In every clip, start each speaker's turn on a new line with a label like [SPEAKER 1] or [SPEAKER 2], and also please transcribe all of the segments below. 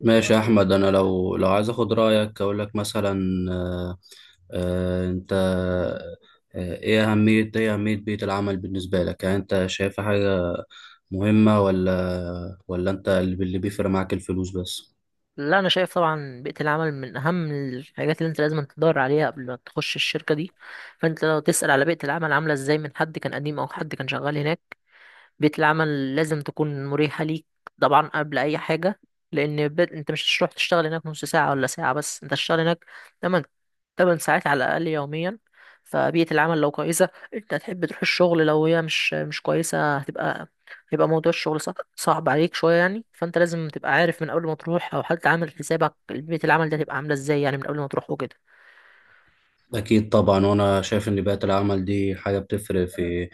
[SPEAKER 1] ماشي يا احمد، انا لو عايز اخد رايك اقول لك مثلا. آه، انت، ايه اهميه بيئه العمل بالنسبه لك؟ يعني انت شايفها حاجه مهمه ولا انت اللي بيفرق معاك الفلوس بس؟
[SPEAKER 2] لا، انا شايف طبعا بيئه العمل من اهم الحاجات اللي انت لازم تدور عليها قبل ما تخش الشركه دي. فانت لو تسال على بيئه العمل عامله ازاي من حد كان قديم او حد كان شغال هناك. بيئة العمل لازم تكون مريحة ليك طبعا قبل أي حاجة، لأن أنت مش هتروح تشتغل هناك نص ساعة ولا ساعة، بس أنت هتشتغل هناك تمن تمن ساعات على الأقل يوميا. فبيئة العمل لو كويسة أنت هتحب تروح الشغل، لو هي مش كويسة هيبقى موضوع الشغل صعب عليك شوية يعني. فأنت لازم تبقى عارف من قبل ما تروح، أو حتى عامل حسابك بيئة العمل ده هتبقى عاملة إزاي يعني من قبل ما تروح وكده.
[SPEAKER 1] اكيد طبعا. وانا شايف ان بيئه العمل دي حاجه بتفرق في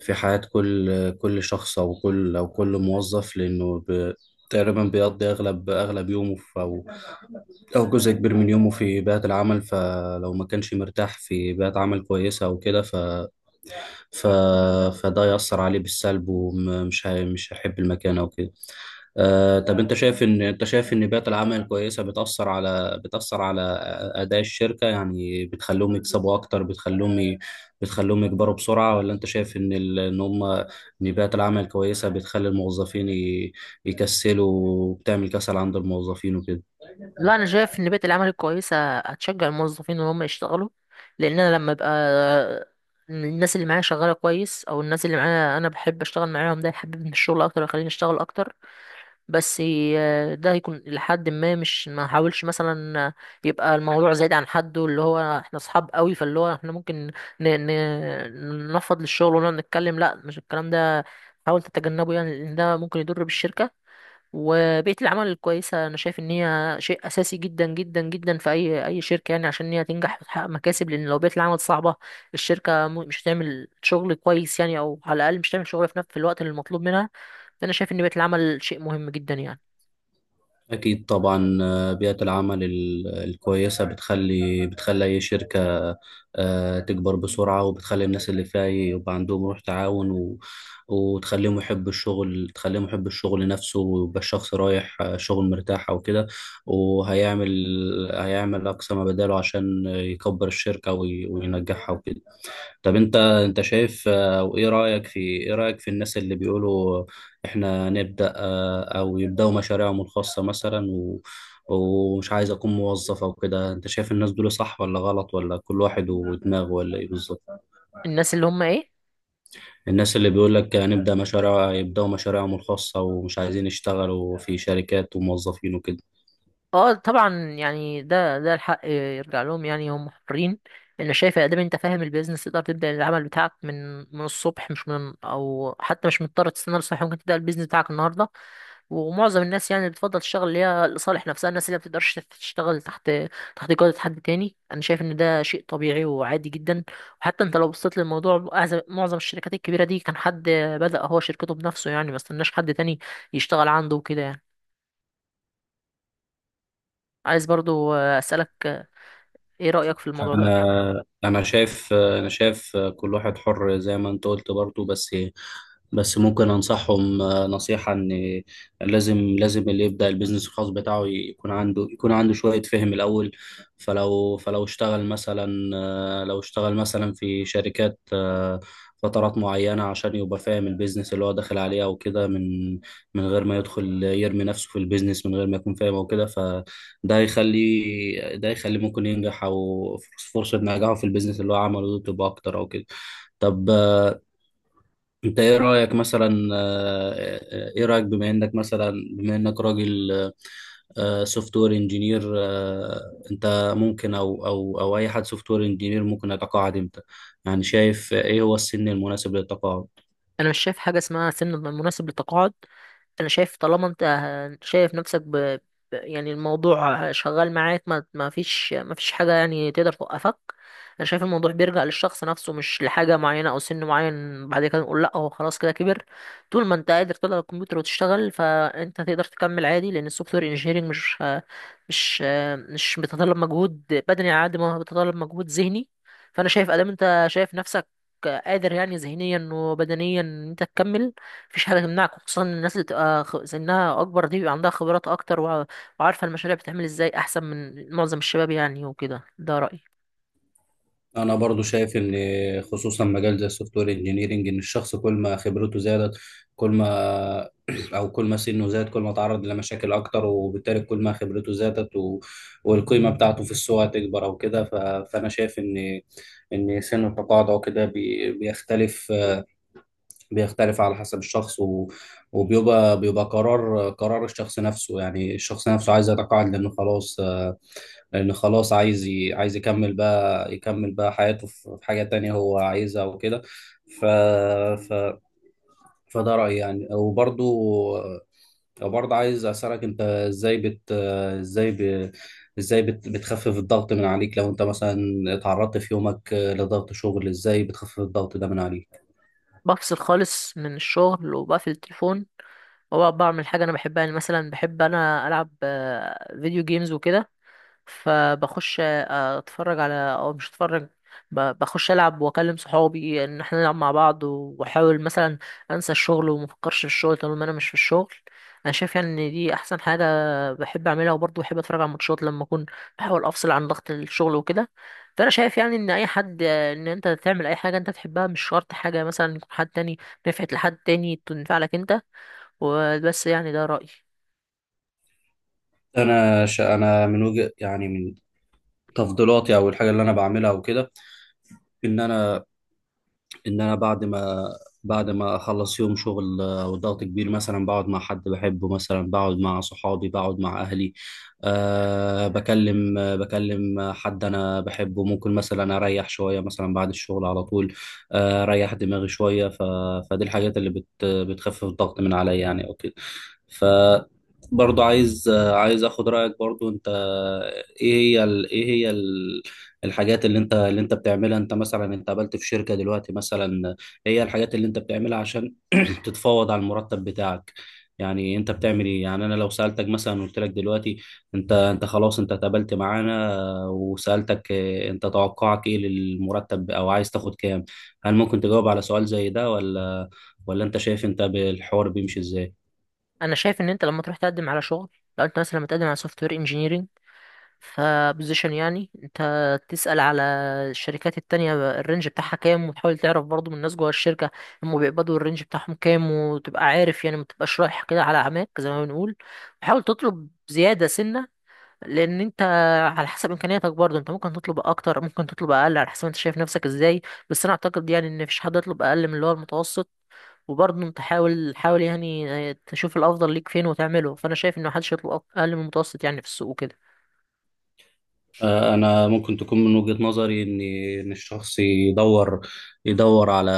[SPEAKER 1] في حياه كل شخص او كل موظف، لانه تقريبا بيقضي اغلب يومه، أو جزء كبير من يومه، في بيئة العمل. فلو ما كانش مرتاح في بيئة عمل كويسة أو كده، ف... فده يأثر عليه بالسلب، مش هيحب المكان أو كده. طب أنت شايف إن بيئة العمل الكويسة بتأثر على أداء الشركة؟ يعني بتخليهم يكسبوا أكتر، بتخليهم يكبروا بسرعة، ولا أنت شايف إن ال... إن هم إن بيئة العمل الكويسة بتخلي يكسلوا وبتعمل كسل عند الموظفين وكده؟
[SPEAKER 2] لا، انا شايف ان بيئه العمل الكويسه هتشجع الموظفين ان هم يشتغلوا، لان انا لما ابقى الناس اللي معايا شغاله كويس او الناس اللي معايا انا بحب اشتغل معاهم، ده يحببني في الشغل اكتر ويخليني اشتغل اكتر. بس ده هيكون لحد ما مش ما احاولش مثلا يبقى الموضوع زايد عن حده، اللي هو احنا اصحاب قوي، فاللي هو احنا ممكن ننفض للشغل ونقعد نتكلم. لا، مش الكلام ده، حاول تتجنبه يعني لان ده ممكن يضر بالشركه. وبيئة العمل الكويسة أنا شايف إن هي شيء أساسي جدا جدا جدا في أي شركة يعني، عشان إن هي تنجح وتحقق مكاسب، لأن لو بيئة العمل صعبة الشركة مش هتعمل شغل كويس يعني، أو على الأقل مش هتعمل شغل في في الوقت اللي المطلوب منها. فأنا شايف إن بيئة العمل شيء مهم جدا يعني.
[SPEAKER 1] أكيد طبعا. بيئة العمل الكويسة بتخلي أي شركة تكبر بسرعة، وبتخلي الناس اللي فيها يبقى عندهم روح تعاون وتخليهم يحبوا الشغل تخليهم يحبوا الشغل نفسه، ويبقى الشخص رايح شغل مرتاح أو كده، وهيعمل أقصى ما بداله عشان يكبر الشركة وينجحها وكده. طب انت شايف، آه، او ايه رايك في الناس اللي بيقولوا احنا نبدا آه، او يبداوا مشاريعهم الخاصه مثلا ومش عايز اكون موظف او كده؟ انت شايف الناس دول صح ولا غلط، ولا كل واحد ودماغه، ولا ايه بالظبط؟
[SPEAKER 2] الناس اللي هم إيه؟
[SPEAKER 1] الناس اللي بيقول لك هنبدا مشاريع، يبداوا مشاريعهم الخاصه ومش عايزين يشتغلوا في شركات وموظفين وكده.
[SPEAKER 2] أه طبعا، يعني ده الحق يرجع لهم يعني، هم حرين. أنا شايف يا دام أنت فاهم البيزنس تقدر تبدأ العمل بتاعك من الصبح، مش من أو حتى مش مضطر تستنى الصبح، ممكن تبدأ البيزنس بتاعك النهاردة. ومعظم الناس يعني بتفضل الشغل اللي هي لصالح نفسها، الناس اللي ما بتقدرش تشتغل تحت جودة حد تاني. انا شايف ان ده شيء طبيعي وعادي جدا. وحتى انت لو بصيت للموضوع، معظم الشركات الكبيرة دي كان حد بدأ هو شركته بنفسه، يعني ما استناش حد تاني يشتغل عنده وكده يعني. عايز برضو أسألك ايه رأيك في الموضوع ده.
[SPEAKER 1] انا شايف كل واحد حر زي ما انت قلت برضو، بس ممكن انصحهم نصيحة ان لازم اللي يبدأ البيزنس الخاص بتاعه يكون عنده شوية فهم الاول. فلو فلو اشتغل مثلا آه، لو اشتغل مثلا في شركات فترات معينة، عشان يبقى فاهم البيزنس اللي هو داخل عليه او كده، من غير ما يدخل يرمي نفسه في البيزنس من غير ما يكون فاهم او كده. ده يخليه ممكن ينجح، او فرصة نجاحه في البيزنس اللي هو عمله ده تبقى اكتر او كده. طب، انت ايه رأيك، بما انك راجل سوفت وير انجينير، انت ممكن او او او اي حد سوفت وير انجينير ممكن يتقاعد امتى؟ يعني شايف ايه هو السن المناسب للتقاعد؟
[SPEAKER 2] انا مش شايف حاجه اسمها سن مناسب للتقاعد. انا شايف طالما انت شايف نفسك يعني الموضوع شغال معاك، ما فيش حاجه يعني تقدر توقفك. انا شايف الموضوع بيرجع للشخص نفسه، مش لحاجه معينه او سن معين بعد كده نقول لا هو خلاص كده كبر. طول ما انت قادر تطلع الكمبيوتر وتشتغل، فانت تقدر تكمل عادي، لان السوفت وير انجينيرنج مش مش بيتطلب مجهود بدني على قد ما هو بيتطلب مجهود ذهني. فانا شايف ادام انت شايف نفسك قادر يعني ذهنيا وبدنيا ان انت تكمل، مفيش حاجه تمنعك، خصوصا إن الناس اللي تبقى سنها اكبر دي بيبقى عندها خبرات اكتر، وعارفه المشاريع بتتعمل ازاي احسن من معظم الشباب يعني وكده. ده رايي.
[SPEAKER 1] انا برضو شايف ان، خصوصا مجال زي السوفت وير انجينيرنج، ان الشخص كل ما خبرته زادت كل ما او كل ما سنه زاد، كل ما تعرض لمشاكل اكتر، وبالتالي كل ما خبرته زادت والقيمه بتاعته في السوق هتكبر او كده. فانا شايف ان سن التقاعد او كده بيختلف على حسب الشخص، وبيبقى قرار الشخص نفسه. يعني الشخص نفسه عايز يتقاعد لأنه خلاص عايز عايز يكمل بقى حياته في حاجة تانية هو عايزها وكده. ف... فده رأيي يعني. وبرضه عايز أسألك أنت، إزاي بت آه، إزاي ب... إزاي بت... بتخفف الضغط من عليك لو أنت مثلا اتعرضت في يومك لضغط شغل؟ إزاي بتخفف الضغط ده من عليك؟
[SPEAKER 2] بفصل خالص من الشغل وبقفل التليفون، وبقعد بعمل حاجه انا بحبها، يعني مثلا بحب انا العب فيديو جيمز وكده. فبخش اتفرج على او مش اتفرج، بخش العب واكلم صحابي ان احنا نلعب مع بعض، واحاول مثلا انسى الشغل وما افكرش في الشغل طالما انا مش في الشغل. انا شايف يعني ان دي احسن حاجه بحب اعملها. وبرضه بحب اتفرج على الماتشات لما اكون بحاول افصل عن ضغط الشغل وكده. فانا شايف يعني ان اي حد، ان انت تعمل اي حاجه انت تحبها، مش شرط حاجه مثلا يكون حد تاني نفعت لحد تاني تنفع لك انت. وبس يعني، ده رايي.
[SPEAKER 1] أنا من وجه يعني من تفضيلاتي أو الحاجة اللي أنا بعملها وكده، إن أنا ان انا بعد ما اخلص يوم شغل وضغط كبير، مثلا بقعد مع حد بحبه، مثلا بقعد مع صحابي، بقعد مع اهلي. بكلم حد انا بحبه. ممكن مثلا اريح شويه مثلا بعد الشغل على طول، اريح دماغي شويه. فدي الحاجات اللي بتخفف الضغط من عليا يعني او كده. ف برضو عايز عايز اخد رايك برضو انت، ايه هي الحاجات اللي انت بتعملها. انت قابلت في شركة دلوقتي مثلا، هي الحاجات اللي انت بتعملها عشان تتفاوض على المرتب بتاعك. يعني انت بتعمل ايه؟ يعني انا لو سألتك مثلا، قلت لك دلوقتي، انت خلاص انت اتقابلت معانا، وسألتك انت توقعك ايه للمرتب، او عايز تاخد كام. هل ممكن تجاوب على سؤال زي ده، ولا انت شايف انت بالحوار بيمشي ازاي؟
[SPEAKER 2] انا شايف ان انت لما تروح تقدم على شغل، لو انت مثلا متقدم على سوفت وير فبوزيشن يعني، انت تسأل على الشركات التانية الرينج بتاعها كام، وتحاول تعرف برضو من الناس جوه الشركة هم بيقبضوا الرينج بتاعهم كام، وتبقى عارف يعني، ما تبقاش رايح كده على عماك زي ما بنقول. وحاول تطلب زيادة سنة، لان انت على حسب امكانياتك برضو انت ممكن تطلب اكتر ممكن تطلب اقل، على حسب انت شايف نفسك ازاي. بس انا اعتقد يعني ان مفيش حد يطلب اقل من اللي هو المتوسط. وبرضه انت حاول يعني تشوف الافضل ليك فين وتعمله. فانا شايف ان محدش يطلب اقل من المتوسط يعني في السوق وكده.
[SPEAKER 1] أنا ممكن تكون من وجهة نظري إن الشخص يدور يدور على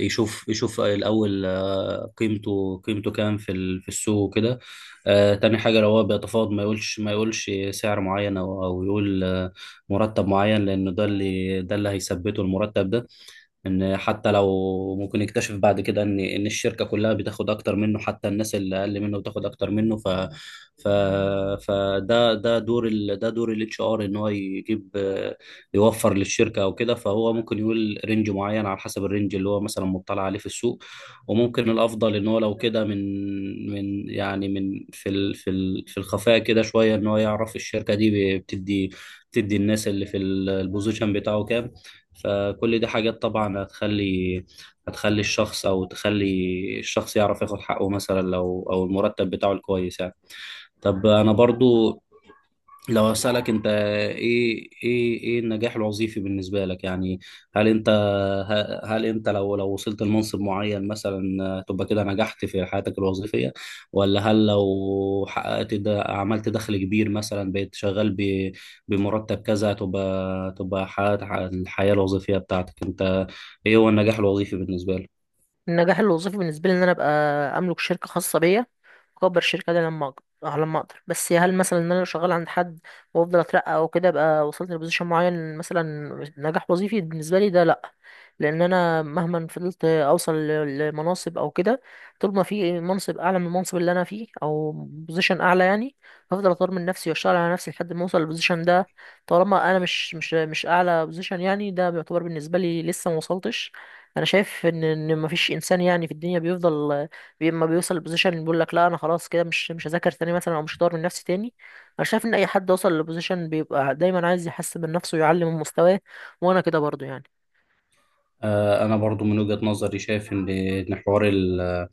[SPEAKER 1] يشوف الأول قيمته كام في السوق وكده. تاني حاجة، لو هو بيتفاوض ما يقولش سعر معين، أو يقول مرتب معين، لأنه ده اللي هيثبته المرتب ده. ان حتى لو ممكن يكتشف بعد كده ان الشركه كلها بتاخد اكتر منه، حتى الناس اللي اقل منه بتاخد اكتر منه. ف ف فده ده دور ال... ده دور الاتش ار، ان هو يجيب آه، يوفر للشركه او كده. فهو ممكن يقول رينج معين على حسب الرينج اللي هو مثلا مطلع عليه في السوق. وممكن الافضل ان هو لو كده من في الخفاء كده شويه، ان هو يعرف الشركه دي بتدي الناس اللي في البوزيشن بتاعه كام. فكل دي حاجات طبعا، هتخلي هتخلي الشخص او تخلي الشخص يعرف ياخد حقه، مثلا لو او المرتب بتاعه الكويس يعني. طب انا برضو لو أسألك أنت، إيه النجاح الوظيفي بالنسبة لك يعني؟ هل أنت هل أنت لو وصلت لمنصب معين مثلا تبقى كده نجحت في حياتك الوظيفية؟ ولا هل لو حققت ده، عملت دخل كبير مثلا، بقيت شغال بمرتب كذا، تبقى حققت الحياة الوظيفية بتاعتك أنت؟ إيه هو النجاح الوظيفي بالنسبة لك؟
[SPEAKER 2] النجاح الوظيفي بالنسبه لي ان انا ابقى املك شركه خاصه بيا، واكبر الشركه دي لما اقدر. لما اقدر. بس هل مثلا ان انا لو شغال عند حد وافضل اترقى او كده ابقى وصلت لبوزيشن معين مثلا، نجاح وظيفي بالنسبه لي ده؟ لا، لان انا مهما فضلت اوصل لمناصب او كده، طول ما في منصب اعلى من المنصب اللي انا فيه او بوزيشن اعلى يعني، هفضل اطور من نفسي واشتغل على نفسي لحد ما اوصل للبوزيشن ده. طالما انا مش اعلى بوزيشن يعني، ده بيعتبر بالنسبه لي لسه ما وصلتش. انا شايف ان ان مفيش انسان يعني في الدنيا بيفضل، اما بيوصل لبوزيشن اللي بيقول لك لا انا خلاص كده مش هذاكر تاني مثلا او مش هطور من نفسي تاني. انا شايف ان اي حد وصل لبوزيشن بيبقى دايما عايز يحسن من نفسه ويعلي من مستواه، وانا كده برضو يعني.
[SPEAKER 1] انا برضو من وجهة نظري شايف ان حوار ال-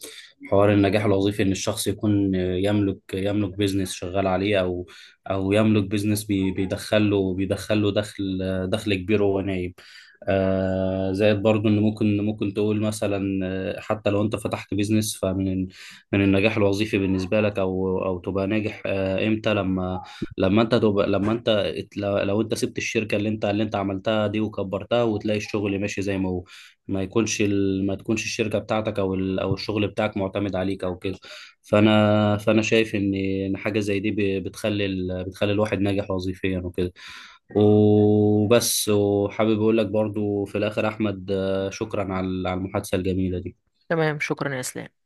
[SPEAKER 1] حوار النجاح الوظيفي ان الشخص يكون يملك بيزنس شغال عليه، او يملك بيزنس بيدخله دخل كبير وهو نايم. زائد برضو، ان ممكن تقول مثلا حتى لو انت فتحت بيزنس، فمن النجاح الوظيفي بالنسبه لك، او تبقى ناجح امتى؟ لما لما انت تبقى لما انت لو انت سبت الشركه اللي انت عملتها دي وكبرتها، وتلاقي الشغل ماشي زي ما هو، ما يكونش ال... ما تكونش الشركه بتاعتك او الشغل بتاعك معتمد عليك او كده. فانا شايف ان حاجه زي دي بتخلي الواحد ناجح وظيفيا وكده. وبس. وحابب اقول لك برضو في الاخر، احمد، شكرا على المحادثه الجميله دي.
[SPEAKER 2] تمام، شكرا يا اسلام.